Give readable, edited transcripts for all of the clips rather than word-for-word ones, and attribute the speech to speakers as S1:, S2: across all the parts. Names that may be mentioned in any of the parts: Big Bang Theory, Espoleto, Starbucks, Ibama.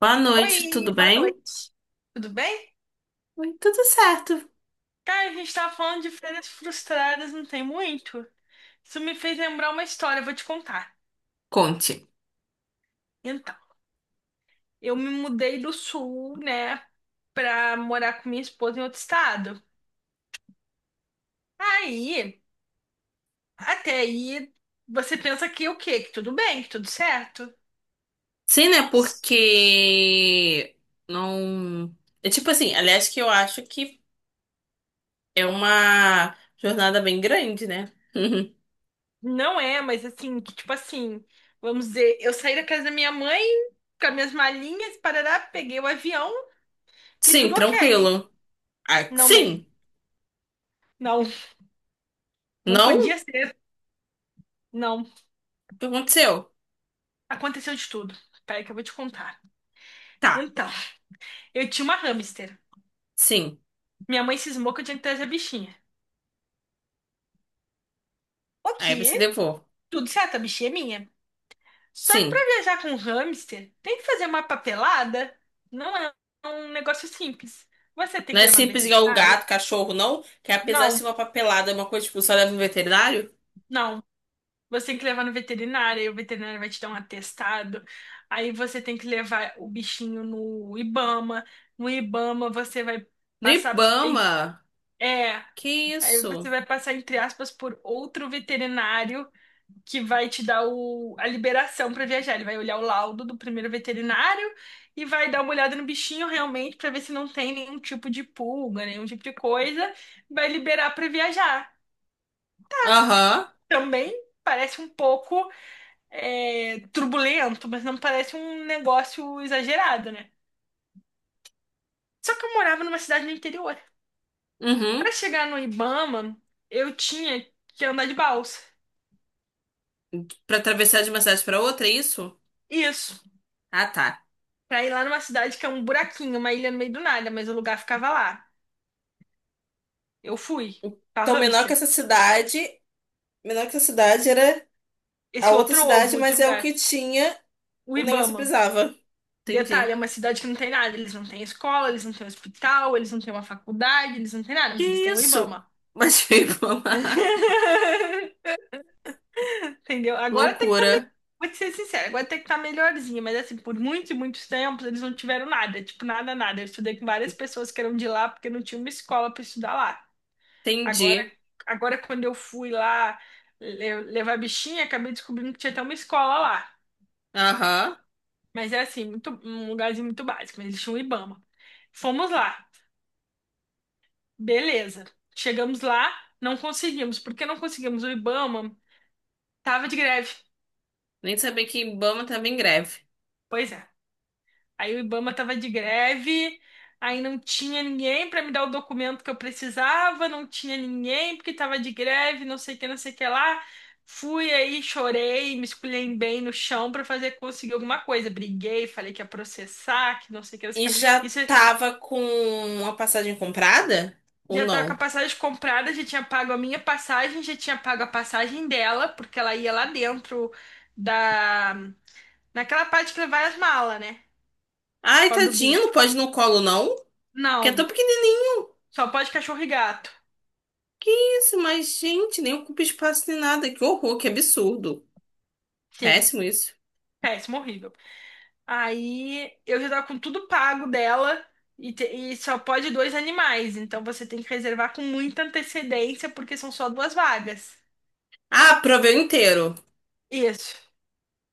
S1: Boa noite,
S2: Oi,
S1: tudo
S2: boa
S1: bem?
S2: noite. Tudo bem?
S1: Oi, tudo certo.
S2: Cara, a gente tava falando de férias frustradas, não tem muito. Isso me fez lembrar uma história, eu vou te contar.
S1: Conte.
S2: Então, eu me mudei do sul, né, pra morar com minha esposa em outro estado. Aí, até aí, você pensa que o quê? Que tudo bem, que tudo certo?
S1: Sim, né?
S2: S-
S1: Porque não. É tipo assim, aliás, que eu acho que é uma jornada bem grande, né?
S2: Não é, mas assim, que tipo assim, vamos dizer, eu saí da casa da minha mãe com as minhas malinhas, parará, peguei o avião e
S1: Sim,
S2: tudo ok.
S1: tranquilo. Ah,
S2: Não, não,
S1: sim.
S2: não. Não
S1: Não? O
S2: podia ser, não.
S1: que aconteceu?
S2: Aconteceu de tudo. Peraí que eu vou te contar.
S1: Tá,
S2: Então, eu tinha uma hamster.
S1: sim.
S2: Minha mãe cismou que eu tinha que trazer a bichinha. Ok,
S1: Aí você levou.
S2: tudo certo, a bichinha é minha. Só que pra
S1: Sim.
S2: viajar com um hamster, tem que fazer uma papelada. Não é um negócio simples. Você tem
S1: Não
S2: que
S1: é
S2: levar no
S1: simples igual o
S2: veterinário?
S1: gato, cachorro, não? Que apesar de
S2: Não,
S1: ser uma papelada, é uma coisa tipo, só leva no veterinário?
S2: não. Você tem que levar no veterinário, aí o veterinário vai te dar um atestado. Aí você tem que levar o bichinho no Ibama. No Ibama você vai
S1: No
S2: passar.
S1: Ibama.
S2: É.
S1: Que
S2: Aí você
S1: isso?
S2: vai passar, entre aspas, por outro veterinário que vai te dar a liberação para viajar. Ele vai olhar o laudo do primeiro veterinário e vai dar uma olhada no bichinho realmente para ver se não tem nenhum tipo de pulga, nenhum tipo de coisa. Vai liberar para viajar.
S1: Aham.
S2: Também parece um pouco turbulento, mas não parece um negócio exagerado, né? Só que eu morava numa cidade no interior.
S1: Uhum.
S2: Para chegar no Ibama, eu tinha que andar de balsa.
S1: Pra atravessar de uma cidade pra outra, é isso?
S2: Isso.
S1: Ah, tá.
S2: Pra ir lá numa cidade que é um buraquinho, uma ilha no meio do nada, mas o lugar ficava lá. Eu fui pra
S1: Então, menor que
S2: hamster.
S1: essa cidade, menor que essa cidade era a
S2: Esse
S1: outra
S2: outro
S1: cidade,
S2: ovo de
S1: mas é o
S2: lugar,
S1: que tinha,
S2: o
S1: o negócio
S2: Ibama.
S1: precisava.
S2: Detalhe, é
S1: Entendi.
S2: uma cidade que não tem nada. Eles não têm escola, eles não têm hospital, eles não têm uma faculdade, eles não têm nada,
S1: Que
S2: mas eles têm o
S1: isso?
S2: Ibama.
S1: Mas veio Ibama.
S2: Entendeu? Agora tem que tá melhor.
S1: Loucura.
S2: Vou te ser sincera, agora tem que tá melhorzinho, mas assim, por muitos e muitos tempos eles não tiveram nada, tipo, nada, nada. Eu estudei com várias pessoas que eram de lá porque não tinha uma escola pra estudar lá. Agora,
S1: Entendi.
S2: agora quando eu fui lá levar a bichinha, acabei descobrindo que tinha até uma escola lá.
S1: Aham.
S2: Mas é assim, muito, um lugarzinho muito básico, mas eles tinham um Ibama. Fomos lá, beleza. Chegamos lá, não conseguimos. Porque não conseguimos? O Ibama tava de greve.
S1: Nem sabia que Ibama tava em greve.
S2: Pois é. Aí o Ibama tava de greve, aí não tinha ninguém para me dar o documento que eu precisava, não tinha ninguém porque tava de greve, não sei o que, não sei o que lá. Fui aí, chorei, me esculhambei no chão para fazer conseguir alguma coisa. Briguei, falei que ia processar, que não sei o que, não
S1: E
S2: sei o que lá.
S1: já
S2: Isso
S1: tava com uma passagem comprada? Ou
S2: já tava com a
S1: não?
S2: passagem comprada, já tinha pago a minha passagem, já tinha pago a passagem dela, porque ela ia lá dentro da naquela parte que vai as malas, né?
S1: Ai,
S2: Pobre do
S1: tadinho, não
S2: bicho.
S1: pode ir no colo, não? Que é tão
S2: Não,
S1: pequenininho.
S2: só pode cachorro e gato.
S1: Que isso? Mas, gente, nem ocupa espaço nem nada. Que horror, que absurdo.
S2: Sim,
S1: Péssimo isso.
S2: péssimo, horrível. Aí eu já tava com tudo pago dela e só pode dois animais, então você tem que reservar com muita antecedência porque são só duas vagas.
S1: Ah, proveu inteiro.
S2: Isso,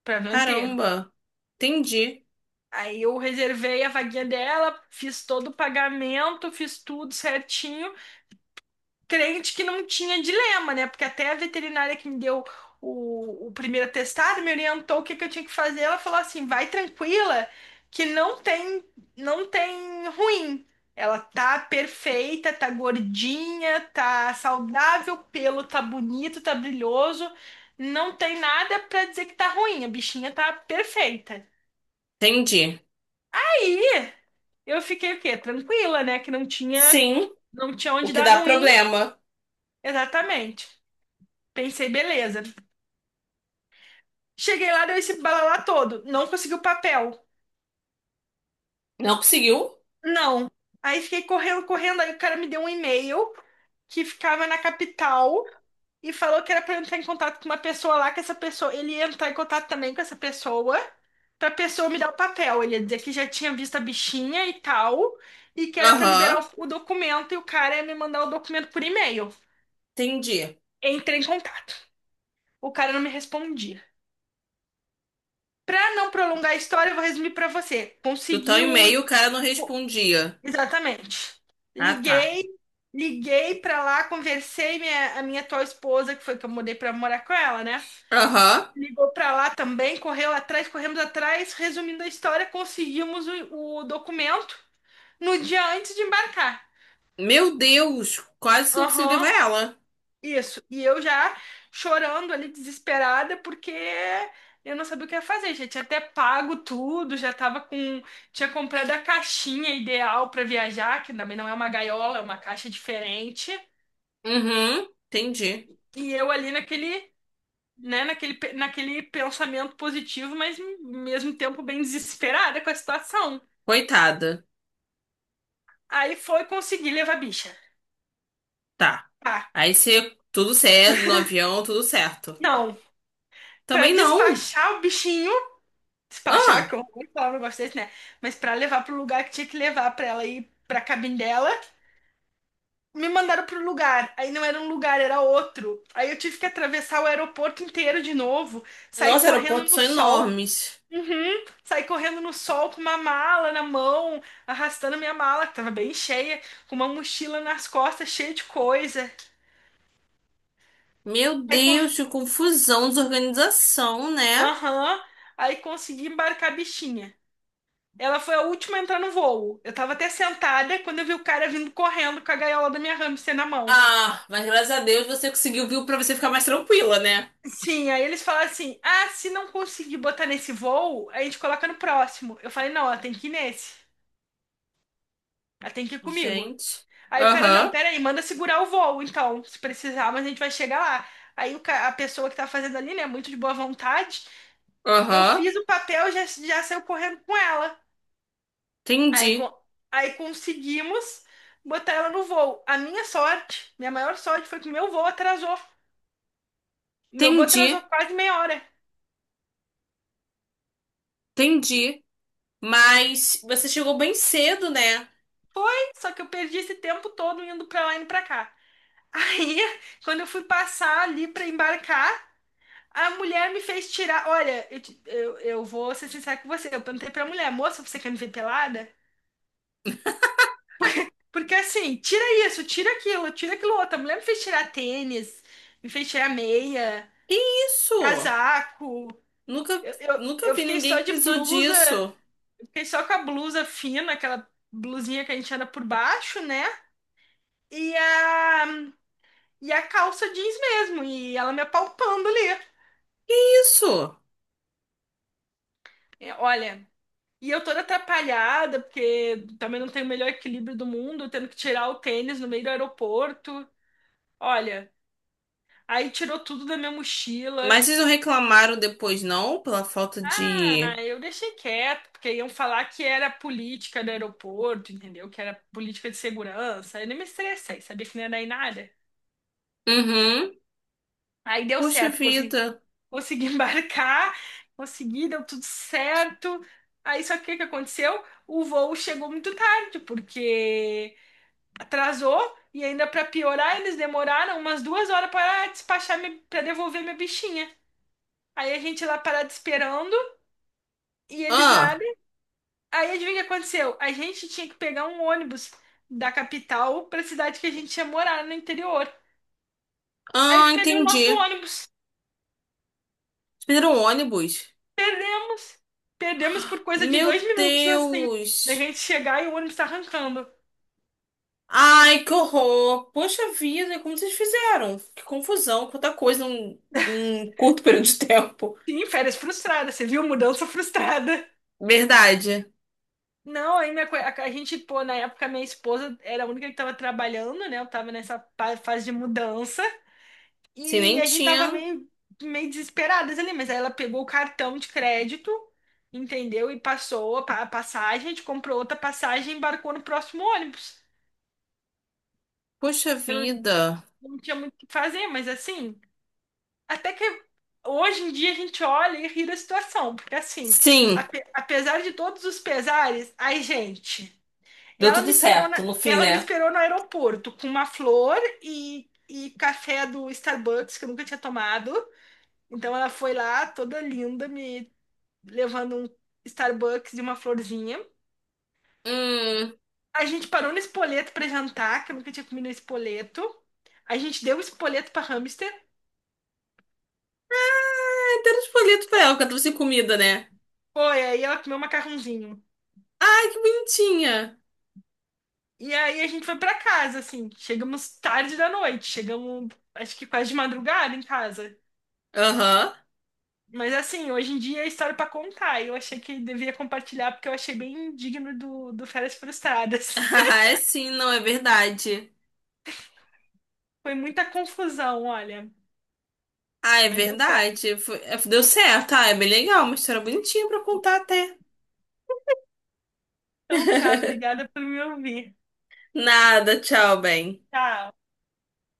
S2: para ver inteiro.
S1: Caramba. Entendi.
S2: Aí eu reservei a vaguinha dela, fiz todo o pagamento, fiz tudo certinho. Crente que não tinha dilema, né? Porque até a veterinária que me deu o primeiro atestado me orientou o que que eu tinha que fazer. Ela falou assim: vai tranquila, que não tem ruim. Ela tá perfeita, tá gordinha, tá saudável, o pelo tá bonito, tá brilhoso. Não tem nada pra dizer que tá ruim. A bichinha tá perfeita.
S1: Entendi.
S2: Aí eu fiquei o quê? Tranquila, né? Que não tinha,
S1: Sim,
S2: não tinha
S1: o
S2: onde
S1: que dá
S2: dar ruim.
S1: problema.
S2: Exatamente. Pensei, beleza. Cheguei lá, deu esse balalá todo. Não consegui o papel.
S1: Não conseguiu?
S2: Não. Aí fiquei correndo, correndo. Aí o cara me deu um e-mail que ficava na capital e falou que era pra eu entrar em contato com uma pessoa lá, que essa pessoa, ele ia entrar em contato também com essa pessoa, pra pessoa me dar o papel. Ele ia dizer que já tinha visto a bichinha e tal, e que era pra liberar
S1: Aham,
S2: o documento e o cara ia me mandar o documento por e-mail.
S1: entendi.
S2: Entrei em contato. O cara não me respondia. Pra não prolongar a história, eu vou resumir pra você.
S1: Do tal
S2: Consegui o,
S1: e-mail o cara não respondia.
S2: Exatamente.
S1: Ah, tá.
S2: Liguei, liguei pra lá, conversei a minha atual esposa, que foi que eu mudei pra morar com ela, né?
S1: Aham.
S2: Ligou pra lá também, correu atrás, corremos atrás, resumindo a história, conseguimos o documento no dia antes de embarcar.
S1: Meu Deus, quase não consegui levar
S2: Aham,
S1: ela.
S2: isso. E eu já chorando ali, desesperada, porque eu não sabia o que ia fazer. Já tinha até pago tudo, já tava com. Tinha comprado a caixinha ideal para viajar, que também não é uma gaiola, é uma caixa diferente.
S1: Uhum, entendi.
S2: E eu ali naquele, né, naquele pensamento positivo, mas ao mesmo tempo bem desesperada com a situação.
S1: Coitada.
S2: Aí foi conseguir levar a bicha.
S1: Tá.
S2: Ah,
S1: Aí você, tudo certo, no avião, tudo certo.
S2: não. Pra
S1: Também não.
S2: despachar o bichinho, despachar, que
S1: Ah,
S2: eu vou falar um negócio desse, né? Mas pra levar pro lugar que tinha que levar pra ela ir pra cabine dela, me mandaram pro lugar. Aí não era um lugar, era outro. Aí eu tive que atravessar o aeroporto inteiro de novo, sair
S1: nossa,
S2: correndo
S1: aeroportos
S2: no
S1: são
S2: sol.
S1: enormes.
S2: Uhum. Saí correndo no sol com uma mala na mão, arrastando minha mala, que tava bem cheia, com uma mochila nas costas, cheia de coisa.
S1: Meu
S2: Aí, co-
S1: Deus, que confusão, desorganização, né?
S2: Aham. Aí consegui embarcar a bichinha. Ela foi a última a entrar no voo. Eu tava até sentada quando eu vi o cara vindo correndo com a gaiola da minha hamster na mão.
S1: Ah, mas graças a Deus você conseguiu viu pra você ficar mais tranquila, né?
S2: Sim, aí eles falaram assim: ah, se não conseguir botar nesse voo, a gente coloca no próximo. Eu falei: não, ela tem que ir nesse. Ela tem que ir comigo.
S1: Gente.
S2: Aí o cara, não,
S1: Aham,
S2: peraí, manda segurar o voo, então, se precisar, mas a gente vai chegar lá. Aí a pessoa que tá fazendo ali, né, muito de boa vontade, eu
S1: aham.
S2: fiz o papel, já saiu correndo com ela. Aí,
S1: Entendi,
S2: co- aí conseguimos botar ela no voo. A minha sorte, minha maior sorte foi que o meu voo atrasou. Meu voo
S1: entendi,
S2: atrasou quase meia hora.
S1: entendi. Mas você chegou bem cedo, né?
S2: Só que eu perdi esse tempo todo indo pra lá e indo pra cá. Aí, quando eu fui passar ali pra embarcar, a mulher me fez tirar. Olha, eu vou ser sincera com você. Eu perguntei pra mulher, moça, você quer me ver pelada? Porque assim, tira isso, tira aquilo outro. A mulher me fez tirar tênis, me fez tirar meia,
S1: Que isso?
S2: casaco.
S1: Nunca,
S2: Eu, eu,
S1: nunca
S2: eu
S1: vi
S2: fiquei
S1: ninguém
S2: só
S1: que
S2: de
S1: precisou
S2: blusa,
S1: disso.
S2: eu fiquei só com a blusa fina, aquela blusinha que a gente anda por baixo, né? E a, e a calça jeans mesmo. E ela me apalpando ali.
S1: Isso.
S2: É, olha, e eu toda atrapalhada, porque também não tenho o melhor equilíbrio do mundo, tendo que tirar o tênis no meio do aeroporto. Olha, aí tirou tudo da minha mochila.
S1: Mas vocês não reclamaram depois, não? Pela falta
S2: Ah,
S1: de.
S2: eu deixei quieto, porque iam falar que era política do aeroporto, entendeu? Que era política de segurança. Eu nem me estressei, sabia que não ia dar em nada.
S1: Uhum.
S2: Aí deu
S1: Poxa
S2: certo, consegui,
S1: vida.
S2: consegui embarcar, consegui, deu tudo certo. Aí só que o que que aconteceu? O voo chegou muito tarde, porque atrasou e ainda pra piorar, eles demoraram umas 2 horas para despachar, para devolver minha bichinha. Aí a gente lá parado esperando e eles nada.
S1: Ah,
S2: Aí adivinha o que aconteceu? A gente tinha que pegar um ônibus da capital pra cidade que a gente ia morar no interior. A
S1: ah,
S2: gente perdeu o
S1: entendi.
S2: nosso
S1: Vocês
S2: ônibus.
S1: perderam o ônibus.
S2: Perdemos. Perdemos por coisa de dois
S1: Meu
S2: minutos, assim. Da
S1: Deus!
S2: gente chegar e o ônibus tá arrancando.
S1: Ai, que horror! Poxa vida, como vocês fizeram? Que confusão, quanta coisa em um curto período de tempo.
S2: Sim, férias frustradas. Você viu? Mudança frustrada.
S1: Verdade.
S2: Não, a gente, pô, na época minha esposa era a única que tava trabalhando, né? Eu tava nessa fase de mudança
S1: Se
S2: e
S1: nem
S2: a gente tava
S1: tinha.
S2: meio, meio desesperadas ali, mas aí ela pegou o cartão de crédito, entendeu? E passou a passagem, a gente comprou outra passagem e embarcou no próximo ônibus.
S1: Poxa vida.
S2: Não tinha muito o que fazer, mas assim, até que hoje em dia a gente olha e ri da situação, porque assim,
S1: Sim,
S2: apesar de todos os pesares, ai, gente.
S1: deu
S2: Ela me
S1: tudo
S2: esperou
S1: certo
S2: na,
S1: no fim,
S2: ela me
S1: né?
S2: esperou no aeroporto com uma flor e café do Starbucks que eu nunca tinha tomado. Então ela foi lá toda linda, me levando um Starbucks e uma florzinha.
S1: Hum.
S2: A gente parou no espoleto para jantar, que eu nunca tinha comido espoleto. A gente deu o espoleto para hamster.
S1: Ah, deram os folhetos pra ela, que ela trouxe comida, né?
S2: Foi, aí ela comeu um macarrãozinho.
S1: Ai, que bonitinha.
S2: E aí a gente foi para casa, assim. Chegamos tarde da noite. Chegamos, acho que quase de madrugada em casa.
S1: Aham.
S2: Mas assim, hoje em dia é história pra contar. E eu achei que devia compartilhar porque eu achei bem digno do Férias Frustradas.
S1: Ah, é sim, não, é verdade.
S2: Foi muita confusão, olha.
S1: Ah, é
S2: Mas deu certo.
S1: verdade. Foi- é, deu certo. Ah, é bem legal. Uma história bonitinha pra contar até.
S2: Então tá, obrigada por me ouvir.
S1: Nada, tchau, bem.
S2: Tchau.